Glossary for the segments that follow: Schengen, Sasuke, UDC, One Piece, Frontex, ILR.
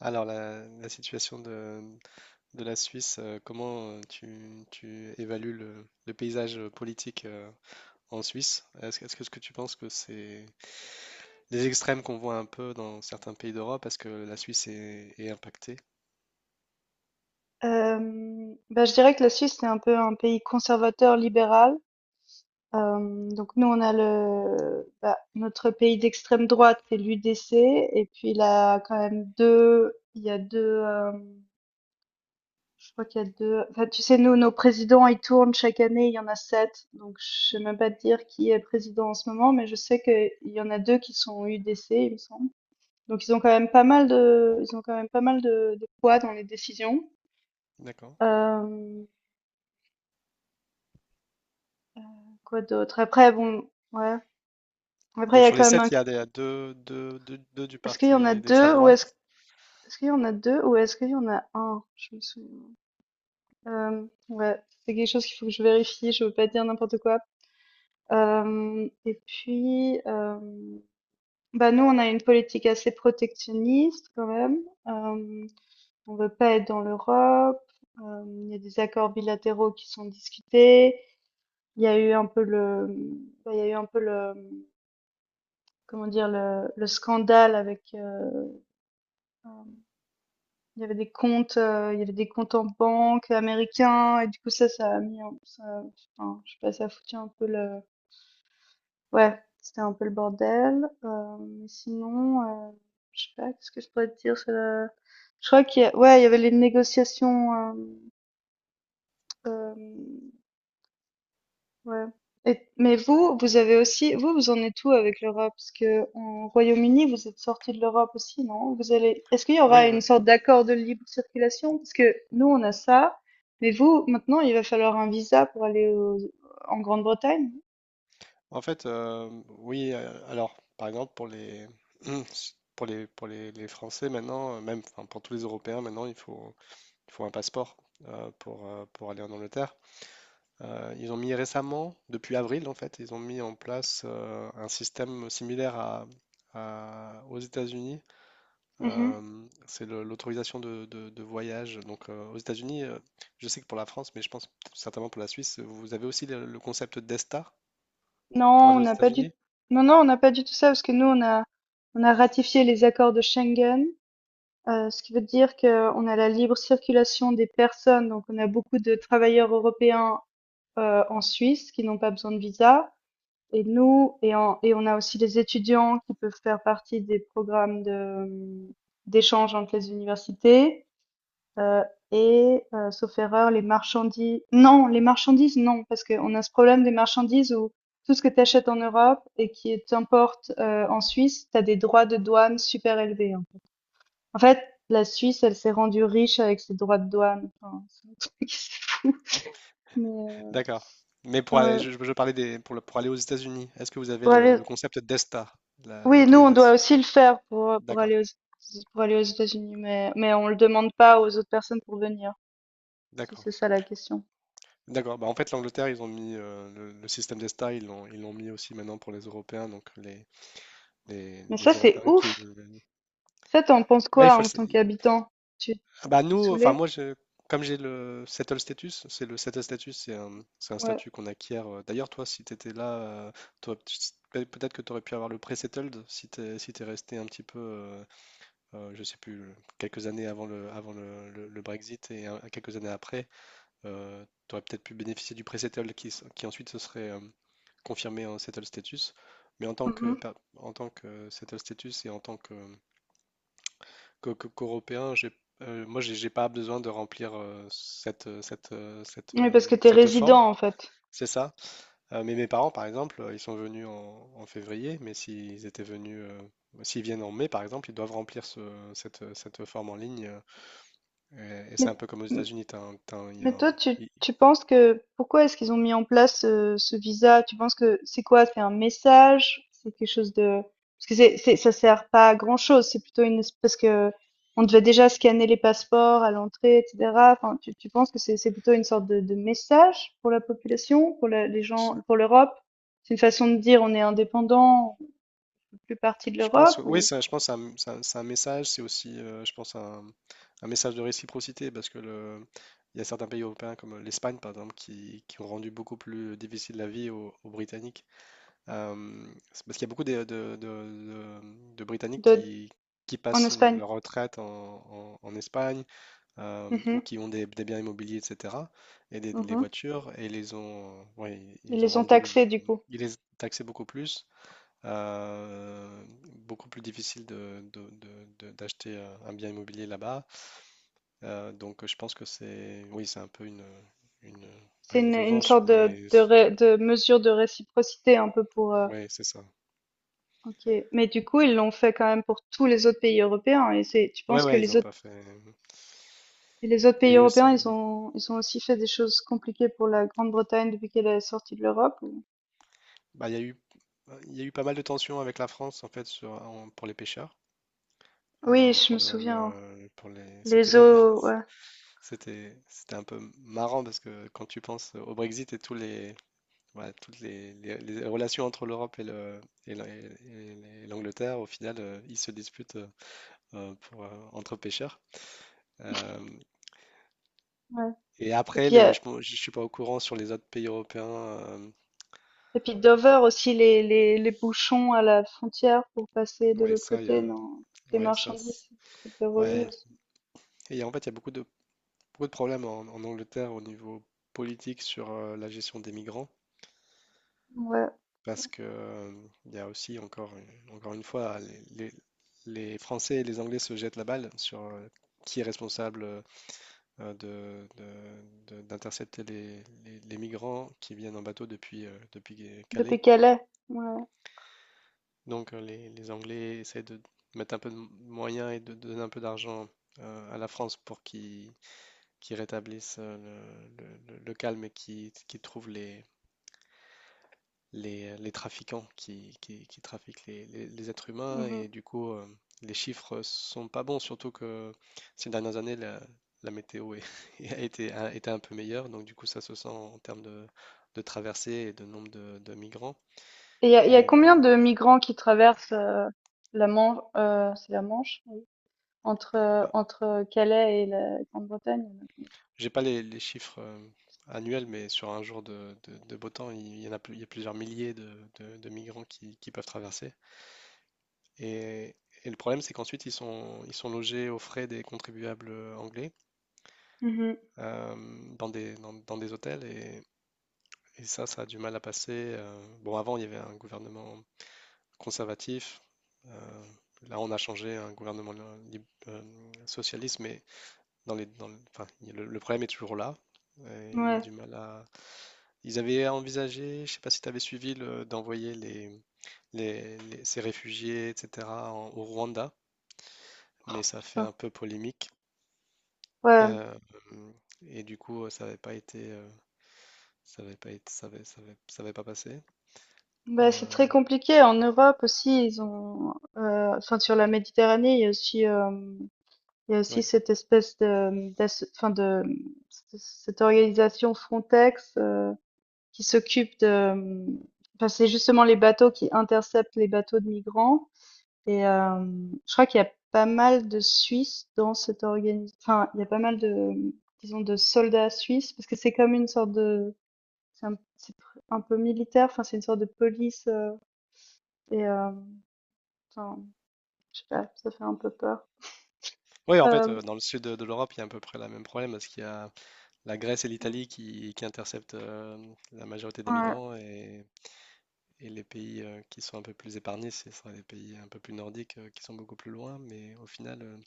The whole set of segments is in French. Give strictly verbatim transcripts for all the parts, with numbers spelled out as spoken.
Alors, la, la situation de, de la Suisse, euh, comment euh, tu, tu évalues le, le paysage euh, politique euh, en Suisse? Est-ce, que- est-ce que, est-ce que tu penses que c'est les extrêmes qu'on voit un peu dans certains pays d'Europe, est-ce que la Suisse est, est impactée? Hem, bah, je dirais que la Suisse, c'est un peu un pays conservateur libéral. Hem, donc nous, on a le bah, notre pays d'extrême droite, c'est l'U D C et puis il a quand même deux, il y a deux, hem, je crois qu'il y a deux. Enfin, tu sais, nous, nos présidents, ils tournent chaque année, il y en a sept. Donc je sais même pas te dire qui est président en ce moment, mais je sais qu'il y en a deux qui sont U D C, il me semble. Donc ils ont quand même pas mal de ils ont quand même pas mal de de poids dans les décisions. D'accord. Hem Quoi d'autre? Après, bon, ouais. Après il Donc, y a sur les quand même un sept, il y a des- deux, deux, deux- deux du est-ce qu'il y en a parti d'extrême deux ou droite? est-ce Est-ce qu'il y en a deux ou est-ce qu'il y en a un? Je me souviens. Euh, ouais, c'est quelque chose qu'il faut que je vérifie, je veux pas dire n'importe quoi. Euh, et puis, euh, bah, nous on a une politique assez protectionniste quand même. Euh, on veut pas être dans l'Europe. Euh, il y a des accords bilatéraux qui sont discutés. Il y a eu un peu le Bah, il y a eu un peu le, comment dire, le, le scandale avec, euh, Hem, il y avait des comptes, heu, il y avait des comptes en banque américains. Et du coup, ça, ça a mis un ça. Enfin, je sais pas, ça a foutu un peu le, ouais, c'était un peu le bordel. Hem, mais sinon, heu, je sais pas, qu'est-ce que je pourrais te dire? Heu, je crois qu'il y a, ouais, il y avait les négociations. Hem, hem Ouais. Et- mais vous, vous avez aussi, vous, vous en êtes où avec l'Europe? Parce que en Royaume-Uni, vous êtes sorti de l'Europe aussi, non? Vous allez, est-ce qu'il y aura Oui, une oui. sorte d'accord de libre circulation? Parce que nous, on a ça, mais vous, maintenant, il va falloir un visa pour aller au- en Grande-Bretagne? En fait, euh, oui. euh, alors, par exemple, pour les, pour les, pour les, les Français maintenant, euh, même enfin, pour tous les Européens maintenant, il faut. il faut un passeport euh, pour, euh, pour aller en Angleterre. Euh, ils ont mis récemment, depuis avril en fait, ils ont mis en place euh, un système similaire à, à- aux États-Unis. Mhm. Euh, c'est le- l'autorisation de, de- de voyage. Donc euh, aux États-Unis, euh, je sais que pour la France, mais je pense certainement pour la Suisse, vous avez aussi le, le concept d'ESTA pour Non, aller on aux n'a pas du, États-Unis? non, non, on n'a pas du tout ça parce que nous, on a, on a ratifié les accords de Schengen, euh, ce qui veut dire qu'on a la libre circulation des personnes, donc on a beaucoup de travailleurs européens euh, en Suisse qui n'ont pas besoin de visa. Et nous, et, en- et on a aussi les étudiants qui peuvent faire partie des programmes de, d'échange entre les universités. euh, et, euh, sauf erreur, les marchandises. Non, les marchandises, non, parce qu'on a ce problème des marchandises où tout ce que tu achètes en Europe et qui t'importe euh, en Suisse, tu as des droits de douane super élevés, hein. En fait, la Suisse, elle s'est rendue riche avec ses droits de douane. Enfin, c'est un truc. Mais, euh, D'accord. Mais pour aller, ouais. je, je- je parlais des, pour, le- pour aller aux États-Unis, est-ce que vous avez Pour le, aller- le concept d'ESTA, la- Oui, nous, on doit l'autorisation? aussi le faire pour, euh, pour D'accord, aller aux, pour aller aux États-Unis, mais, mais on le demande pas aux autres personnes pour venir, si d'accord. c'est ça la question. D'accord. Bah, en fait, l'Angleterre, ils ont mis euh, le, le système d'ESTA, ils l'ont ils l'ont mis aussi maintenant pour les Européens. Donc, les, les, Mais les ça, c'est Européens qui. ouf! veulent- Ça, t'en penses Ouais, il quoi faut le... en sa- tant qu'habitant? Tu tu- Ah, Tu es bah, nous, enfin, saoulé? moi, je, comme j'ai le settle status, c'est le settle status, c'est un, c'est un Ouais. statut qu'on acquiert. euh, D'ailleurs, toi, si tu étais là, euh, t'aurais p- peut- peut-être que tu aurais pu avoir le pré-settled si tu si t'es resté un petit peu, euh, euh, je sais plus, quelques années avant le, avant le, le- le Brexit et euh, quelques années après. Euh, tu aurais peut-être pu bénéficier du pré-settle qui, s- qui ensuite se serait euh, confirmé en settle status. Mais en tant Mhm. que, per- en tant que settle status et en tant que, que- que- qu'Européen, j'ai, euh, moi, j'ai j'ai pas besoin de remplir euh, cette, cette, euh, cette, Oui, parce que euh, t'es cette forme. résident, en fait. C'est ça. Euh, mais mes parents, par exemple, euh, ils sont venus en, en février, mais s'ils étaient venus, euh, s'ils viennent en mai, par exemple, ils doivent remplir ce- cette, cette forme en ligne. euh, Et, et c'est un peu comme aux Mais, États-Unis. T'as un- t'as un- il y a Mais toi, un- tu, il- tu penses que pourquoi est-ce qu'ils ont mis en place ce, ce visa? Tu penses que c'est quoi? C'est un message? C'est quelque chose de. Parce que c'est, c'est, ça sert pas à grand-chose. C'est plutôt une. Parce que on devait déjà scanner les passeports à l'entrée, et cetera. Enfin, tu, tu penses que c'est, c'est plutôt une sorte de, de message pour la population, pour la- les gens, pour l'Europe? C'est une façon de dire on est indépendant, on fait plus partie de Je pense l'Europe que oui, ou ça, je pense que c'est un, c'est un- c'est un message, c'est aussi, euh, je pense, un, un message de réciprocité parce que le, il y a certains pays européens comme euh, l'Espagne, par exemple, qui, qui ont rendu beaucoup plus difficile la vie aux, aux Britanniques. Euh, c'est parce qu'il y a beaucoup de, de- de- de- de Britanniques de, qui, qui en passent une- Espagne? leur retraite en, en- en Espagne euh, ou Mhm, qui ont des, des biens immobiliers, et cetera et des, les mhm. voitures et ils les ont, ouais, Ils ils ont les ont rendu le, taxés du coup. ils les taxaient beaucoup plus. Euh, Beaucoup plus difficile de, de- de- de- d'acheter euh, un bien immobilier là-bas. Euh, donc je pense que c'est, oui, c'est un peu une, une, pas C'est une une, une revanche, sorte de, mais de, ré- de mesure de réciprocité un peu pour. euh, ouais, c'est ça. OK. Mais du coup, ils l'ont fait quand même pour tous les autres pays européens. Et c'est, tu Ouais, penses que ouais, ils les n'ont autres, pas fait. les autres Il y pays a eu européens, ils aussi, ont, ils ont aussi fait des choses compliquées pour la Grande-Bretagne depuis qu'elle est sortie de l'Europe? Ou- bah, il y a eu, il y a eu pas mal de tensions avec la France en fait sur, en- pour les pêcheurs, Oui, euh, je pour me le, souviens. le- pour les, c'était Les même, eaux, ouais, c'était, c'était un peu marrant parce que quand tu penses au Brexit et tous les voilà, toutes les, les- les relations entre l'Europe et le- et la- et les- et l'Angleterre, au final, euh, ils se disputent euh, euh, pour, euh, entre pêcheurs. Euh, ouais. et Et après, puis, les- euh, je ne suis pas au courant sur les autres pays européens. euh, et puis Dover aussi, les, les, les bouchons à la frontière pour passer de Ouais, l'autre ça, il y côté, a, non? Les ouais, ça, c'est- marchandises, c'était relou ouais. aussi. Et en fait, il y a beaucoup de, beaucoup de problèmes en, en Angleterre au niveau politique sur euh, la gestion des migrants, Ouais. parce que euh, il y a aussi encore, une- encore une fois, les, les- les Français et les Anglais se jettent la balle sur euh, qui est responsable euh, euh, de, de- de- d'intercepter les, les- les migrants qui viennent en bateau depuis, euh, depuis Depuis Calais. Calais. Ouais. Donc euh, les, les Anglais essaient de mettre un peu de moyens et de de donner un peu d'argent euh, à la France pour qu'ils qu'ils rétablissent euh, le, le- le- le calme et qu'ils qu'ils trouvent les, les, euh, les trafiquants qui, qui, qui trafiquent les, les- les êtres humains Mhm. et du coup euh, les chiffres sont pas bons, surtout que ces dernières années la, la météo est- a été, a été un peu meilleure, donc du coup ça se sent en termes de, de traversées et de nombre de, de migrants. Et il y a, il y a Et combien les, de migrants qui traversent, euh, la Manche, euh, c'est la Manche, entre euh, ah, entre Calais et la Grande-Bretagne? j'ai pas les, les chiffres euh, annuels, mais sur un jour de, de- de beau temps, il y en a, plus- il y a plusieurs milliers de, de- de migrants qui, qui peuvent traverser. Et, et le problème, c'est qu'ensuite, ils sont, ils sont logés aux frais des contribuables euh, anglais. Mhm. euh, dans des, dans, Dans des hôtels et, et ça, ça a du mal à passer. Euh, bon, avant, il y avait un gouvernement conservatif. euh, Là, on a changé un gouvernement lib- euh, socialiste, mais dans les, dans le, enfin, il y a le, le problème est toujours là. Et il y a Ouais, du mal à. Ils avaient envisagé, je sais pas si tu avais suivi, le- d'envoyer les, les- les- ces réfugiés, et cetera, en- au Rwanda, mais ça fait putain. un peu polémique. Ouais. Euh, et du coup, ça n'avait pas été. euh, Ça va pas être, ça va, ça va- Ça va pas passer. Bah, c'est Euh, très compliqué. En Europe aussi, ils ont, euh, enfin, sur la Méditerranée, il y a aussi, euh, il y a aussi oui. cette espèce de, d'asso- enfin, de, c- cette organisation Frontex, euh, qui s'occupe de, enfin, c'est justement les bateaux qui interceptent les bateaux de migrants. Et euh, je crois qu'il y a pas mal de Suisses dans cette organisation. Enfin, il y a pas mal de, disons, de soldats suisses, parce que c'est comme une sorte de, c'est un, c'est pr- un peu militaire. Enfin, c'est une sorte de police. euh, et euh, enfin, je sais pas, ça fait un peu peur. Oui, en fait, Euh, euh, dans le sud de, de l'Europe, il y a à peu près le même problème parce qu'il y a la Grèce et l'Italie qui, qui interceptent euh, la majorité des ouais, migrants et, et les pays euh, qui sont un peu plus épargnés, ce sera les pays un peu plus nordiques euh, qui sont beaucoup plus loin. Mais au final, euh,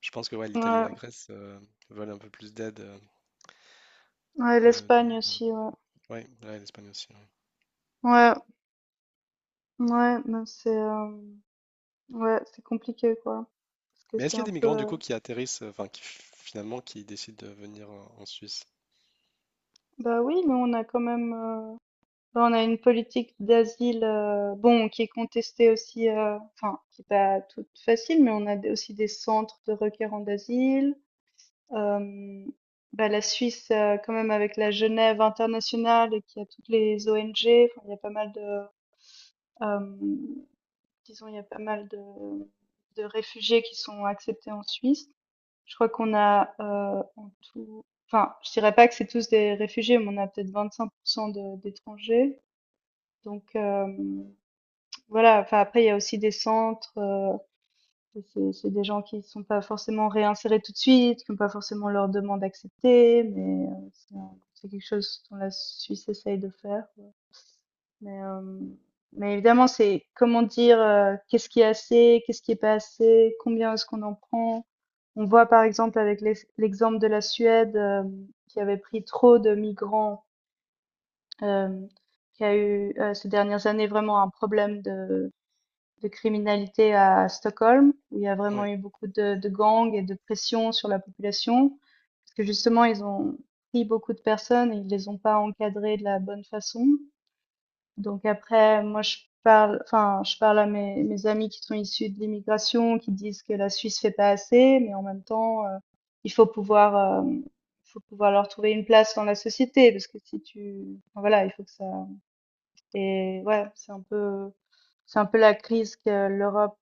je pense que ouais, l'Italie et ouais, la Grèce euh, veulent un peu plus d'aide. euh, ouais, de, l'Espagne de- de- aussi. Ouais, Ouais, ouais, l'Espagne aussi. Ouais. ouais, ouais, mais c'est, euh, ouais, c'est compliqué, quoi. Parce que Mais est-ce c'est qu'il y a un des migrants peu. du euh, coup qui atterrissent, euh, enfin qui f- finalement qui décident de venir en en Suisse? Bah oui, mais on a quand même. euh, Bah, on a une politique d'asile, euh, bon, qui est contestée aussi, euh, enfin, qui n'est pas toute facile, mais on a des- aussi des centres de requérants d'asile. Euh, bah, la Suisse, euh, quand même, avec la Genève internationale et qui a toutes les O N G. Enfin, il y a pas mal de, euh, disons, il y a pas mal de, de réfugiés qui sont acceptés en Suisse. Je crois qu'on a, euh, en tout, enfin, je dirais pas que c'est tous des réfugiés, mais on a peut-être vingt-cinq pour cent de- d'étrangers. Donc, euh, voilà, enfin après il y a aussi des centres, heu, c'est c'est des gens qui ne sont pas forcément réinsérés tout de suite, qui ont pas forcément leur demande acceptée, mais heu, c'est un c'est quelque chose dont la Suisse essaye de faire, ouais. Mais, hem, mais évidemment c'est comment dire, heu, qu'est-ce qui est assez, qu'est-ce qui est pas assez, combien est-ce qu'on en prend? On voit par exemple avec l'ex l'exemple de la Suède, hem, qui avait pris trop de migrants, hem, qui a eu, heu, ces dernières années vraiment un problème de de criminalité à Stockholm, où il y a vraiment Oui. eu beaucoup de, de gangs et de pression sur la population, parce que justement, ils ont pris beaucoup de personnes et ils les ont pas encadrées de la bonne façon. Donc après, moi, je parle, enfin, je parle à mes, mes amis qui sont issus de l'immigration, qui disent que la Suisse fait pas assez, mais en même temps, euh, il faut pouvoir, euh, faut pouvoir leur trouver une place dans la société, parce que si tu, enfin, voilà, il faut que ça, et ouais, c'est un peu, c'est un peu la crise que l'Europe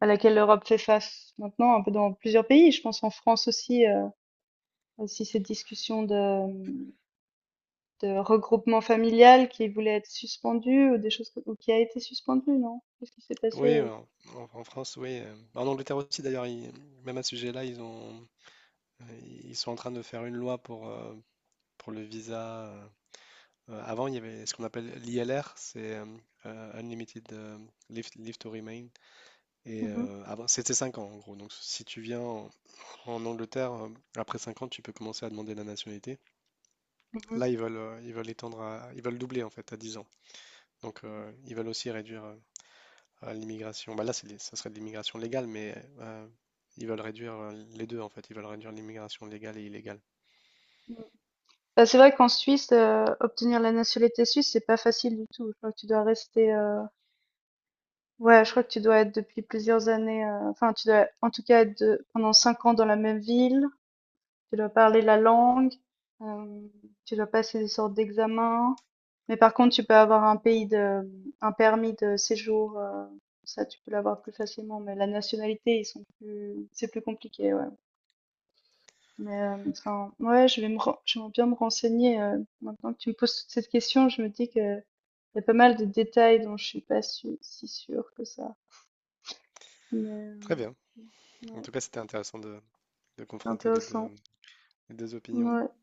à laquelle l'Europe fait face maintenant, un peu dans plusieurs pays. Je pense en France aussi, euh, aussi cette discussion de, de regroupement familial qui voulait être suspendue ou des choses que- ou qui a été suspendue, non? Qu'est-ce qui s'est passé? Oui, euh, en, en- en France, oui. euh, En Angleterre aussi, d'ailleurs, ils- même à ce sujet-là, ils ont, ils sont en train de faire une loi pour, euh, pour le visa. Euh, euh, avant, il y avait ce qu'on appelle l'I L R, c'est euh, euh, Unlimited euh, Leave, Leave to Remain. Et Mhm, euh, avant, c'était cinq ans, en gros. Donc, si tu viens en, en Angleterre, euh, après cinq ans, tu peux commencer à demander la nationalité. mhm, Là, ils veulent, euh, ils veulent étendre à, ils veulent doubler, en fait, à dix ans. Donc, mhm, euh, ils veulent aussi réduire. Euh, à l'immigration. Bah là, c'est, des- ça serait de l'immigration légale, mais euh, ils veulent réduire euh, les deux, en fait. Ils veulent réduire l'immigration légale et illégale. mhm. Bah, c'est vrai qu'en Suisse, euh, obtenir la nationalité suisse, c'est pas facile du tout. Je crois que tu dois rester, euh, Ouais, je crois que tu dois être depuis plusieurs années, euh, enfin, tu dois en tout cas être de- pendant cinq ans dans la même ville. Tu dois parler la langue, euh, tu dois passer des sortes d'examens. Mais par contre, tu peux avoir un pays de, un permis de séjour, euh, ça tu peux l'avoir plus facilement. Mais la nationalité, ils sont plus, c'est plus compliqué, ouais. Mais euh, enfin, ouais, je vais me, ren- je vais bien me renseigner. Euh, maintenant que tu me poses toute cette question, je me dis que il y a pas mal de détails dont je suis pas su- si sûre que ça. Mais euh, Très bien. En ouais, tout cas, c'était intéressant de, de c'est confronter les deux, intéressant. les deux opinions. Ouais.